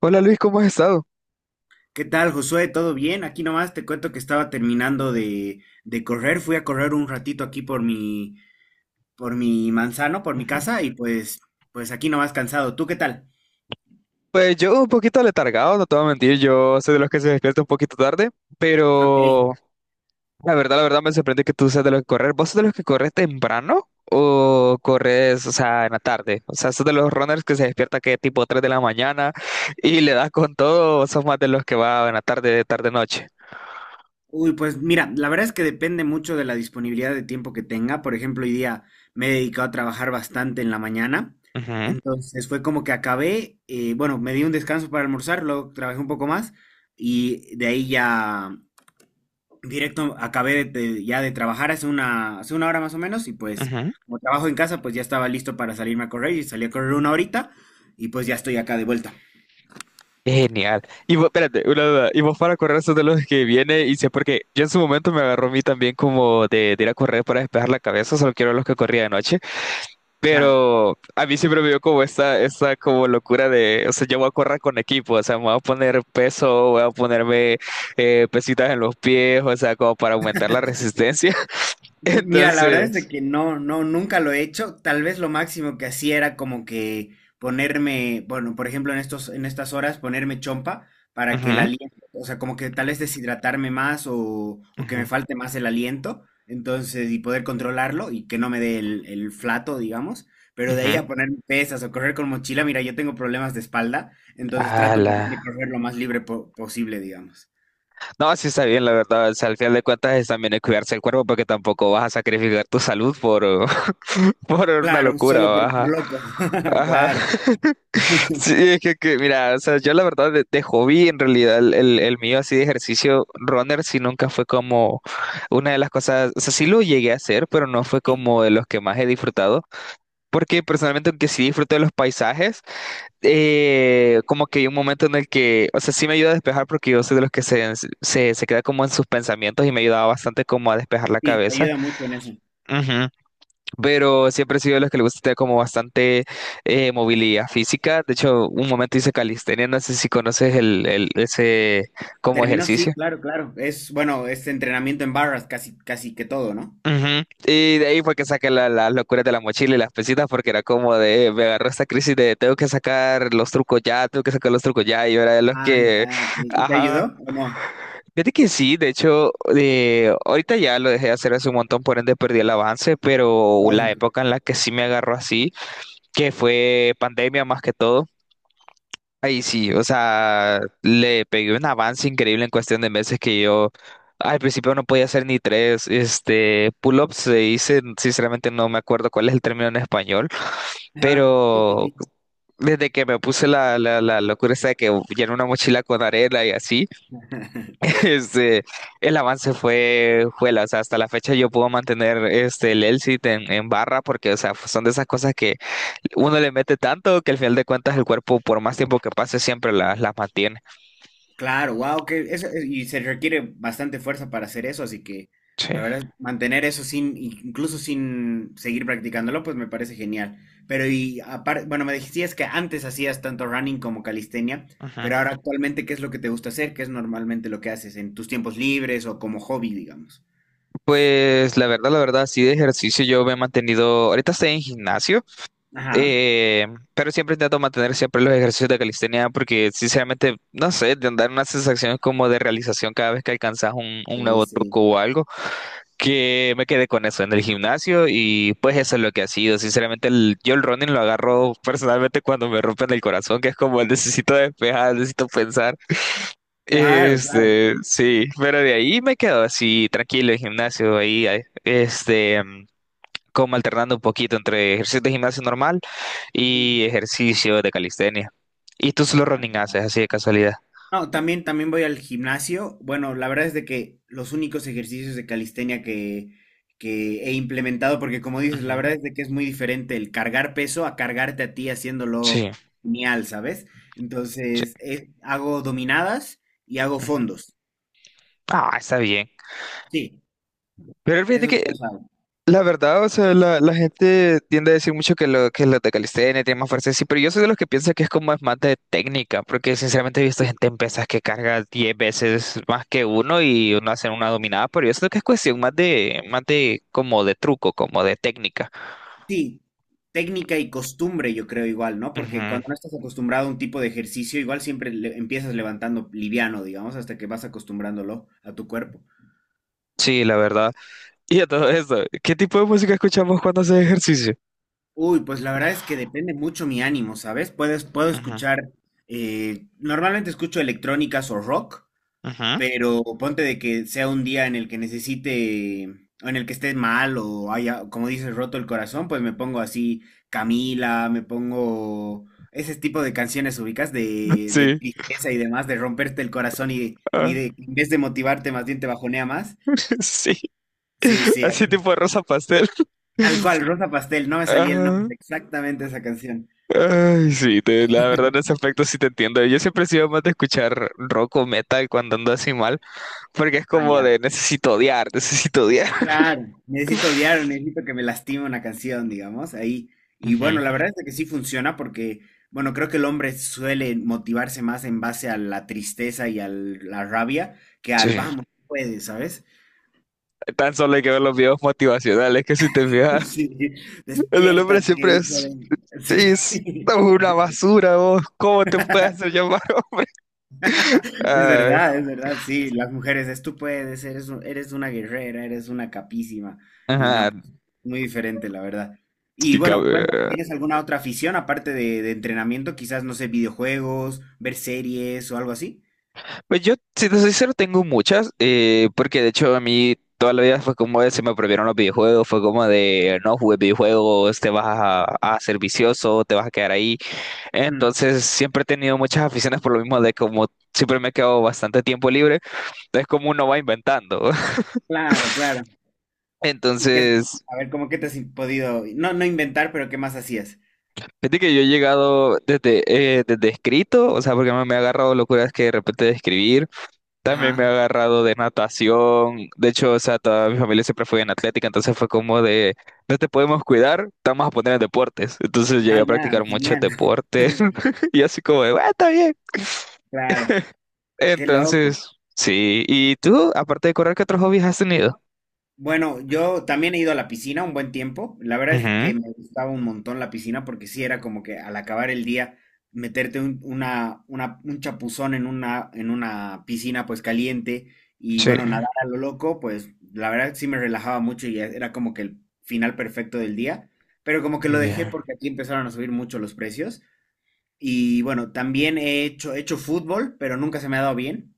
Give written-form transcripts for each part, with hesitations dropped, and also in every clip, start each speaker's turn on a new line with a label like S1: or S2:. S1: Hola Luis, ¿cómo has estado?
S2: ¿Qué tal, Josué? ¿Todo bien? Aquí nomás te cuento que estaba terminando de correr. Fui a correr un ratito aquí por mi manzano, por mi
S1: Ujú.
S2: casa, y pues aquí nomás cansado. ¿Tú qué tal?
S1: Pues yo un poquito letargado, no te voy a mentir, yo soy de los que se despierta un poquito tarde,
S2: Ok.
S1: pero la verdad me sorprende que tú seas de los que correr. ¿Vos sos de los que corres temprano o corres, o sea, en la tarde? O sea, sos de los runners que se despierta que tipo 3 de la mañana y le das con todo, o sos más de los que va en la tarde, tarde, noche.
S2: Uy, pues mira, la verdad es que depende mucho de la disponibilidad de tiempo que tenga. Por ejemplo, hoy día me he dedicado a trabajar bastante en la mañana.
S1: Ujú,
S2: Entonces fue como que acabé, bueno, me di un descanso para almorzar, luego trabajé un poco más y de ahí ya directo, acabé de, ya de trabajar hace una hora más o menos y pues
S1: ujú.
S2: como trabajo en casa, pues ya estaba listo para salirme a correr y salí a correr una horita y pues ya estoy acá de vuelta.
S1: Genial. Y vos, espérate, una duda. Y vos para correr sos de los que viene y sé porque yo en su momento me agarró a mí también como de ir a correr para despejar la cabeza, solo quiero los que corría de noche,
S2: Ajá.
S1: pero a mí siempre me dio como esta como locura de, o sea, yo voy a correr con equipo, o sea, me voy a poner peso, voy a ponerme pesitas en los pies, o sea, como para aumentar la resistencia.
S2: Mira, la verdad es de
S1: Entonces...
S2: que no, no, nunca lo he hecho. Tal vez lo máximo que hacía era como que ponerme, bueno, por ejemplo, en estos, en estas horas, ponerme chompa para que el
S1: Ujú,
S2: aliento, o sea, como que tal vez deshidratarme más o que me
S1: ujú,
S2: falte más el aliento, entonces, y poder controlarlo y que no me dé el flato, digamos. Pero de ahí
S1: ujú.
S2: a poner pesas o correr con mochila, mira, yo tengo problemas de espalda, entonces trato más
S1: Ala.
S2: bien de correr lo más libre posible, digamos.
S1: No, sí está bien, la verdad. O sea, al final de cuentas es también de cuidarse el cuerpo porque tampoco vas a sacrificar tu salud por, por una
S2: Claro, solo
S1: locura,
S2: por
S1: ajá.
S2: loco.
S1: Ajá.
S2: Claro.
S1: Sí, es que, mira, o sea, yo la verdad de hobby, en realidad, el mío así de ejercicio runner sí nunca fue como una de las cosas, o sea, sí lo llegué a hacer, pero no fue como de los que más he disfrutado. Porque personalmente, aunque sí disfruto de los paisajes, como que hay un momento en el que, o sea, sí me ayuda a despejar porque yo soy de los que se queda como en sus pensamientos y me ayudaba bastante como a despejar la
S2: Sí, te
S1: cabeza.
S2: ayuda mucho en eso.
S1: Ujú. Pero siempre he sido de los que le gusta tener como bastante movilidad física. De hecho, un momento hice calistenia, no sé si conoces ese como
S2: Terminó, sí,
S1: ejercicio.
S2: claro, claro. Es, bueno, es entrenamiento en barras casi, casi que todo, ¿no?
S1: Ujú. Y de ahí fue que saqué las locuras de la mochila y las pesitas porque era como de, me agarró esta crisis de tengo que sacar los trucos ya, tengo que sacar los trucos ya, y yo era de los
S2: Ah,
S1: que,
S2: ya, ok. ¿Y te
S1: ajá,
S2: ayudó o no?
S1: Fíjate que sí, de hecho, ahorita ya lo dejé de hacer hace un montón, por ende perdí el avance, pero la
S2: Lógico.
S1: época en la que sí me agarró así, que fue pandemia más que todo, ahí sí, o sea, le pegué un avance increíble en cuestión de meses que yo al principio no podía hacer ni tres, pull-ups se dice, sinceramente no me acuerdo cuál es el término en español,
S2: Ajá. Sí, sí,
S1: pero
S2: sí.
S1: desde que me puse la locura esta de que llené una mochila con arena y así, Este, el avance fue, juela, o sea, hasta la fecha yo puedo mantener el Elsit en barra porque, o sea, pues, son de esas cosas que uno le mete tanto que al final de cuentas el cuerpo, por más tiempo que pase, siempre las mantiene.
S2: Claro, wow, que eso, y se requiere bastante fuerza para hacer eso, así que la
S1: Sí.
S2: verdad, mantener eso sin, incluso sin seguir practicándolo, pues me parece genial. Pero y aparte, bueno, me decías que antes hacías tanto running como calistenia,
S1: Ujú.
S2: pero ahora actualmente, ¿qué es lo que te gusta hacer? ¿Qué es normalmente lo que haces en tus tiempos libres o como hobby, digamos?
S1: Pues la verdad, sí de ejercicio yo me he mantenido, ahorita estoy en gimnasio,
S2: Ajá.
S1: eh, pero siempre intento mantener siempre los ejercicios de calistenia porque sinceramente, no sé, te dan una sensación como de realización cada vez que alcanzas un
S2: Sí,
S1: nuevo
S2: sí.
S1: truco o algo. Que me quedé con eso en el gimnasio y pues eso es lo que ha sido. Sinceramente, yo el running lo agarro personalmente cuando me rompen el corazón, que es como el necesito despejar, necesito pensar.
S2: Claro, claro.
S1: Sí, pero de ahí me quedo así tranquilo en gimnasio, ahí, ahí, como alternando un poquito entre ejercicio de gimnasio normal
S2: Mm.
S1: y ejercicio de calistenia. ¿Y tú solo running haces así de casualidad?
S2: No, también, también voy al gimnasio. Bueno, la verdad es de que los únicos ejercicios de calistenia que he implementado, porque como dices, la
S1: Ujú.
S2: verdad es de que es muy diferente el cargar peso a cargarte a ti
S1: Sí,
S2: haciéndolo genial, ¿sabes?
S1: sí.
S2: Entonces, hago dominadas y hago
S1: Ujú.
S2: fondos.
S1: Ah, está bien.
S2: Sí,
S1: Pero fíjate
S2: esos
S1: que
S2: dos hago.
S1: la verdad, o sea, la gente tiende a decir mucho que, que los de calistenia tienen más fuerza, sí, pero yo soy de los que piensa que es como es más de técnica, porque sinceramente he visto
S2: Sí,
S1: gente en pesas que carga 10 veces más que uno y uno hace una dominada, pero yo siento que es cuestión más de como de truco, como de técnica.
S2: sí, técnica y costumbre, yo creo igual, ¿no? Porque
S1: Ujú.
S2: cuando no estás acostumbrado a un tipo de ejercicio, igual siempre empiezas levantando liviano, digamos, hasta que vas acostumbrándolo a tu cuerpo.
S1: Sí, la verdad. Y a todo eso, ¿qué tipo de música escuchamos cuando haces ejercicio?
S2: Uy, pues la verdad es que depende mucho mi ánimo, ¿sabes? Puedes, puedo
S1: Ujú,
S2: escuchar, normalmente escucho electrónicas o rock,
S1: ujú.
S2: pero ponte de que sea un día en el que necesite, o en el que esté mal o haya, como dices, roto el corazón, pues me pongo así Camila, me pongo ese tipo de canciones ubicas de
S1: Sí,
S2: tristeza y demás, de romperte el corazón y
S1: ah,
S2: de, en vez de motivarte, más bien te bajonea más.
S1: sí,
S2: Sí, sí,
S1: así
S2: así.
S1: tipo rosa pastel.
S2: Tal cual, Rosa Pastel, no me salía el
S1: Ajá.
S2: nombre, exactamente esa canción.
S1: Ay, sí, la verdad en ese aspecto sí te entiendo. Yo siempre he sido más de escuchar rock o metal cuando ando así mal, porque es
S2: Ah,
S1: como
S2: ya.
S1: de necesito odiar, necesito odiar.
S2: Claro, necesito odiar, necesito que me lastime una canción, digamos, ahí. Y
S1: Ujú.
S2: bueno, la verdad es que sí funciona porque, bueno, creo que el hombre suele motivarse más en base a la tristeza y a la rabia que al
S1: Sí.
S2: vamos, puedes, ¿sabes?
S1: Tan solo hay que ver los videos motivacionales, que si te fijas,
S2: Sí,
S1: el del hombre
S2: despiértate,
S1: siempre
S2: hijo de...
S1: es, sí,
S2: Sí,
S1: es una basura, vos, ¿cómo te puedes hacer llamar? Ay,
S2: es verdad, sí, las mujeres es tú puedes, eres, eres una guerrera, eres una capísima y
S1: ajá,
S2: no muy diferente, la verdad. Y
S1: sí,
S2: bueno,
S1: cabe.
S2: cuéntame, ¿tienes alguna otra afición aparte de entrenamiento? Quizás, no sé, videojuegos, ver series o algo así.
S1: Pues yo, si te soy sincero, tengo muchas, porque de hecho a mí toda la vida fue como de se me prohibieron los videojuegos, fue como de no jugues videojuegos, te vas a ser vicioso, te vas a quedar ahí.
S2: Mm,
S1: Entonces siempre he tenido muchas aficiones por lo mismo de como siempre me he quedado bastante tiempo libre, entonces como uno va inventando.
S2: claro, claro. Y
S1: Entonces,
S2: a ver, ¿cómo que te has podido, no, no inventar, pero qué más hacías?
S1: fíjate que yo he llegado desde, desde escrito, o sea, porque me ha agarrado locuras que de repente de escribir. También me ha
S2: Ajá.
S1: agarrado de natación. De hecho, o sea, toda mi familia siempre fue en atlética, entonces fue como de, no te podemos cuidar, te vamos a poner en deportes. Entonces llegué
S2: Ah,
S1: a
S2: ya,
S1: practicar muchos
S2: genial.
S1: deportes y así como de, "Bueno, está bien.
S2: Claro, qué loco.
S1: Entonces, sí". ¿Y tú, aparte de correr, qué otros hobbies has tenido?
S2: Bueno, yo también he ido a la piscina un buen tiempo. La verdad es
S1: Ujú.
S2: que me gustaba un montón la piscina porque sí era como que al acabar el día meterte un chapuzón en en una piscina pues caliente y
S1: Sí.
S2: bueno, nadar a lo loco, pues la verdad sí me relajaba mucho y era como que el final perfecto del día. Pero como que lo dejé
S1: Bien.
S2: porque aquí empezaron a subir mucho los precios. Y bueno, también he hecho fútbol, pero nunca se me ha dado bien.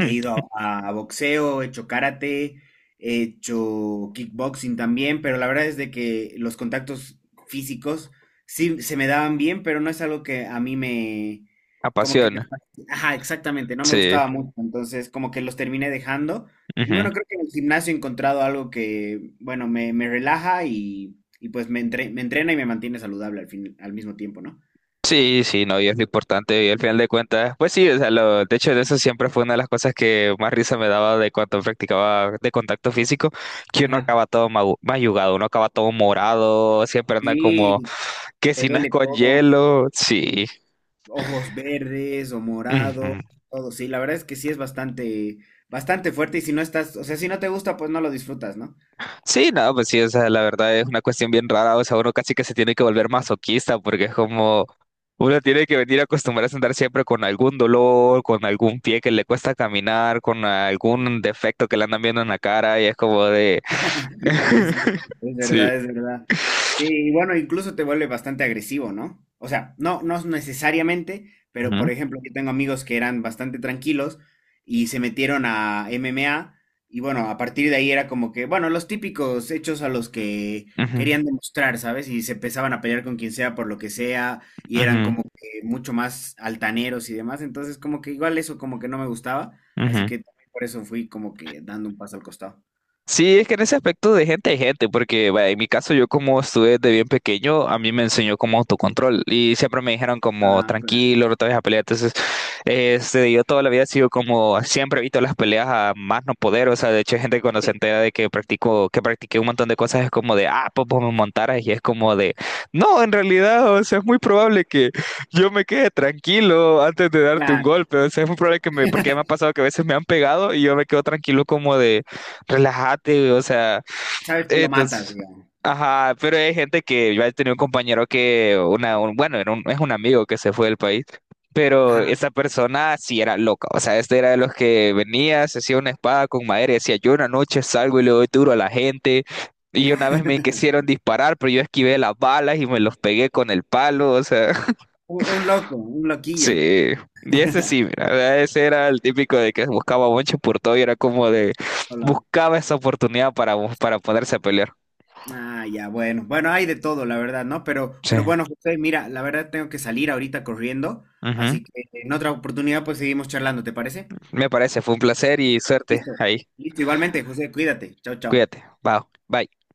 S2: He ido a boxeo, he hecho karate, he hecho kickboxing también, pero la verdad es de que los contactos físicos sí se me daban bien, pero no es algo que a mí me, como que me,
S1: Apasiona.
S2: ajá, exactamente, no me
S1: Sí.
S2: gustaba mucho, entonces como que los terminé dejando. Y bueno, creo que en el gimnasio he encontrado algo que, bueno, me relaja y pues me, me entrena y me mantiene saludable al fin, al mismo tiempo, ¿no?
S1: Sí, sí, no, y es lo importante, y al final de cuentas, pues sí, o sea, lo, de hecho, de eso siempre fue una de las cosas que más risa me daba de cuando practicaba de contacto físico, que uno
S2: Ajá.
S1: acaba todo mayugado, uno acaba todo morado, siempre anda como
S2: Sí,
S1: que
S2: te
S1: si no es
S2: duele
S1: con
S2: todo.
S1: hielo, sí.
S2: Ojos verdes o morados,
S1: Ujú.
S2: todo. Sí, la verdad es que sí es bastante, bastante fuerte y si no estás, o sea, si no te gusta, pues no lo disfrutas, ¿no?
S1: Sí, no, pues sí, o sea, la verdad es una cuestión bien rara, o sea, uno casi que se tiene que volver masoquista porque es como uno tiene que venir a acostumbrarse a andar siempre con algún dolor, con algún pie que le cuesta caminar, con algún defecto que le andan viendo en la cara y es como de...
S2: Sí, sí, es
S1: Sí.
S2: verdad, es verdad. Sí, y bueno, incluso te vuelve bastante agresivo, ¿no? O sea, no, no necesariamente, pero
S1: Ujú,
S2: por ejemplo, yo tengo amigos que eran bastante tranquilos y se metieron a MMA y bueno, a partir de ahí era como que, bueno, los típicos hechos a los que
S1: ujú,
S2: querían demostrar, ¿sabes? Y se empezaban a pelear con quien sea por lo que sea y eran
S1: ujú,
S2: como que mucho más altaneros y demás, entonces como que igual eso como que no me gustaba, así
S1: ujú.
S2: que también por eso fui como que dando un paso al costado.
S1: Sí, es que en ese aspecto de gente hay gente, porque vaya, en mi caso yo como estuve desde bien pequeño, a mí me enseñó como autocontrol y siempre me dijeron como
S2: Ah, claro.
S1: tranquilo, no te vayas a pelear. Entonces, yo toda la vida he sido como, siempre evito las peleas a más no poder, o sea, de hecho hay gente que cuando se entera de que practiqué un montón de cosas es como de, ah, pues vos me montaras y es como de, no, en realidad, o sea, es muy probable que yo me quede tranquilo antes de darte un
S2: Claro,
S1: golpe, o sea, es muy probable que me, porque ya me ha pasado que a veces me han pegado y yo me quedo tranquilo como de... Relájate, güey, o sea,
S2: sabes que lo matas,
S1: entonces,
S2: digamos.
S1: ajá, pero hay gente que yo he tenido un compañero que, bueno, es un amigo que se fue del país, pero
S2: Ajá.
S1: esa persona sí era loca, o sea, este era de los que venía, se hacía una espada con madera y decía, yo una noche salgo y le doy duro a la gente, y una vez me quisieron disparar, pero yo esquivé las balas y me los pegué con el palo, o sea.
S2: Un loco, un loquillo.
S1: Sí, y ese sí, mira, ese era el típico de que buscaba bonche por todo y era como de
S2: Hola.
S1: buscaba esa oportunidad para ponerse a pelear.
S2: Ah, ya, bueno. Bueno, hay de todo, la verdad, ¿no?
S1: Sí.
S2: Pero bueno, José, mira, la verdad tengo que salir ahorita corriendo,
S1: Ujú.
S2: así que en otra oportunidad pues seguimos charlando, ¿te parece?
S1: Me parece, fue un placer y suerte
S2: Listo.
S1: ahí.
S2: Listo, igualmente, José, cuídate. Chao, chao.
S1: Cuídate. Bye. Bye.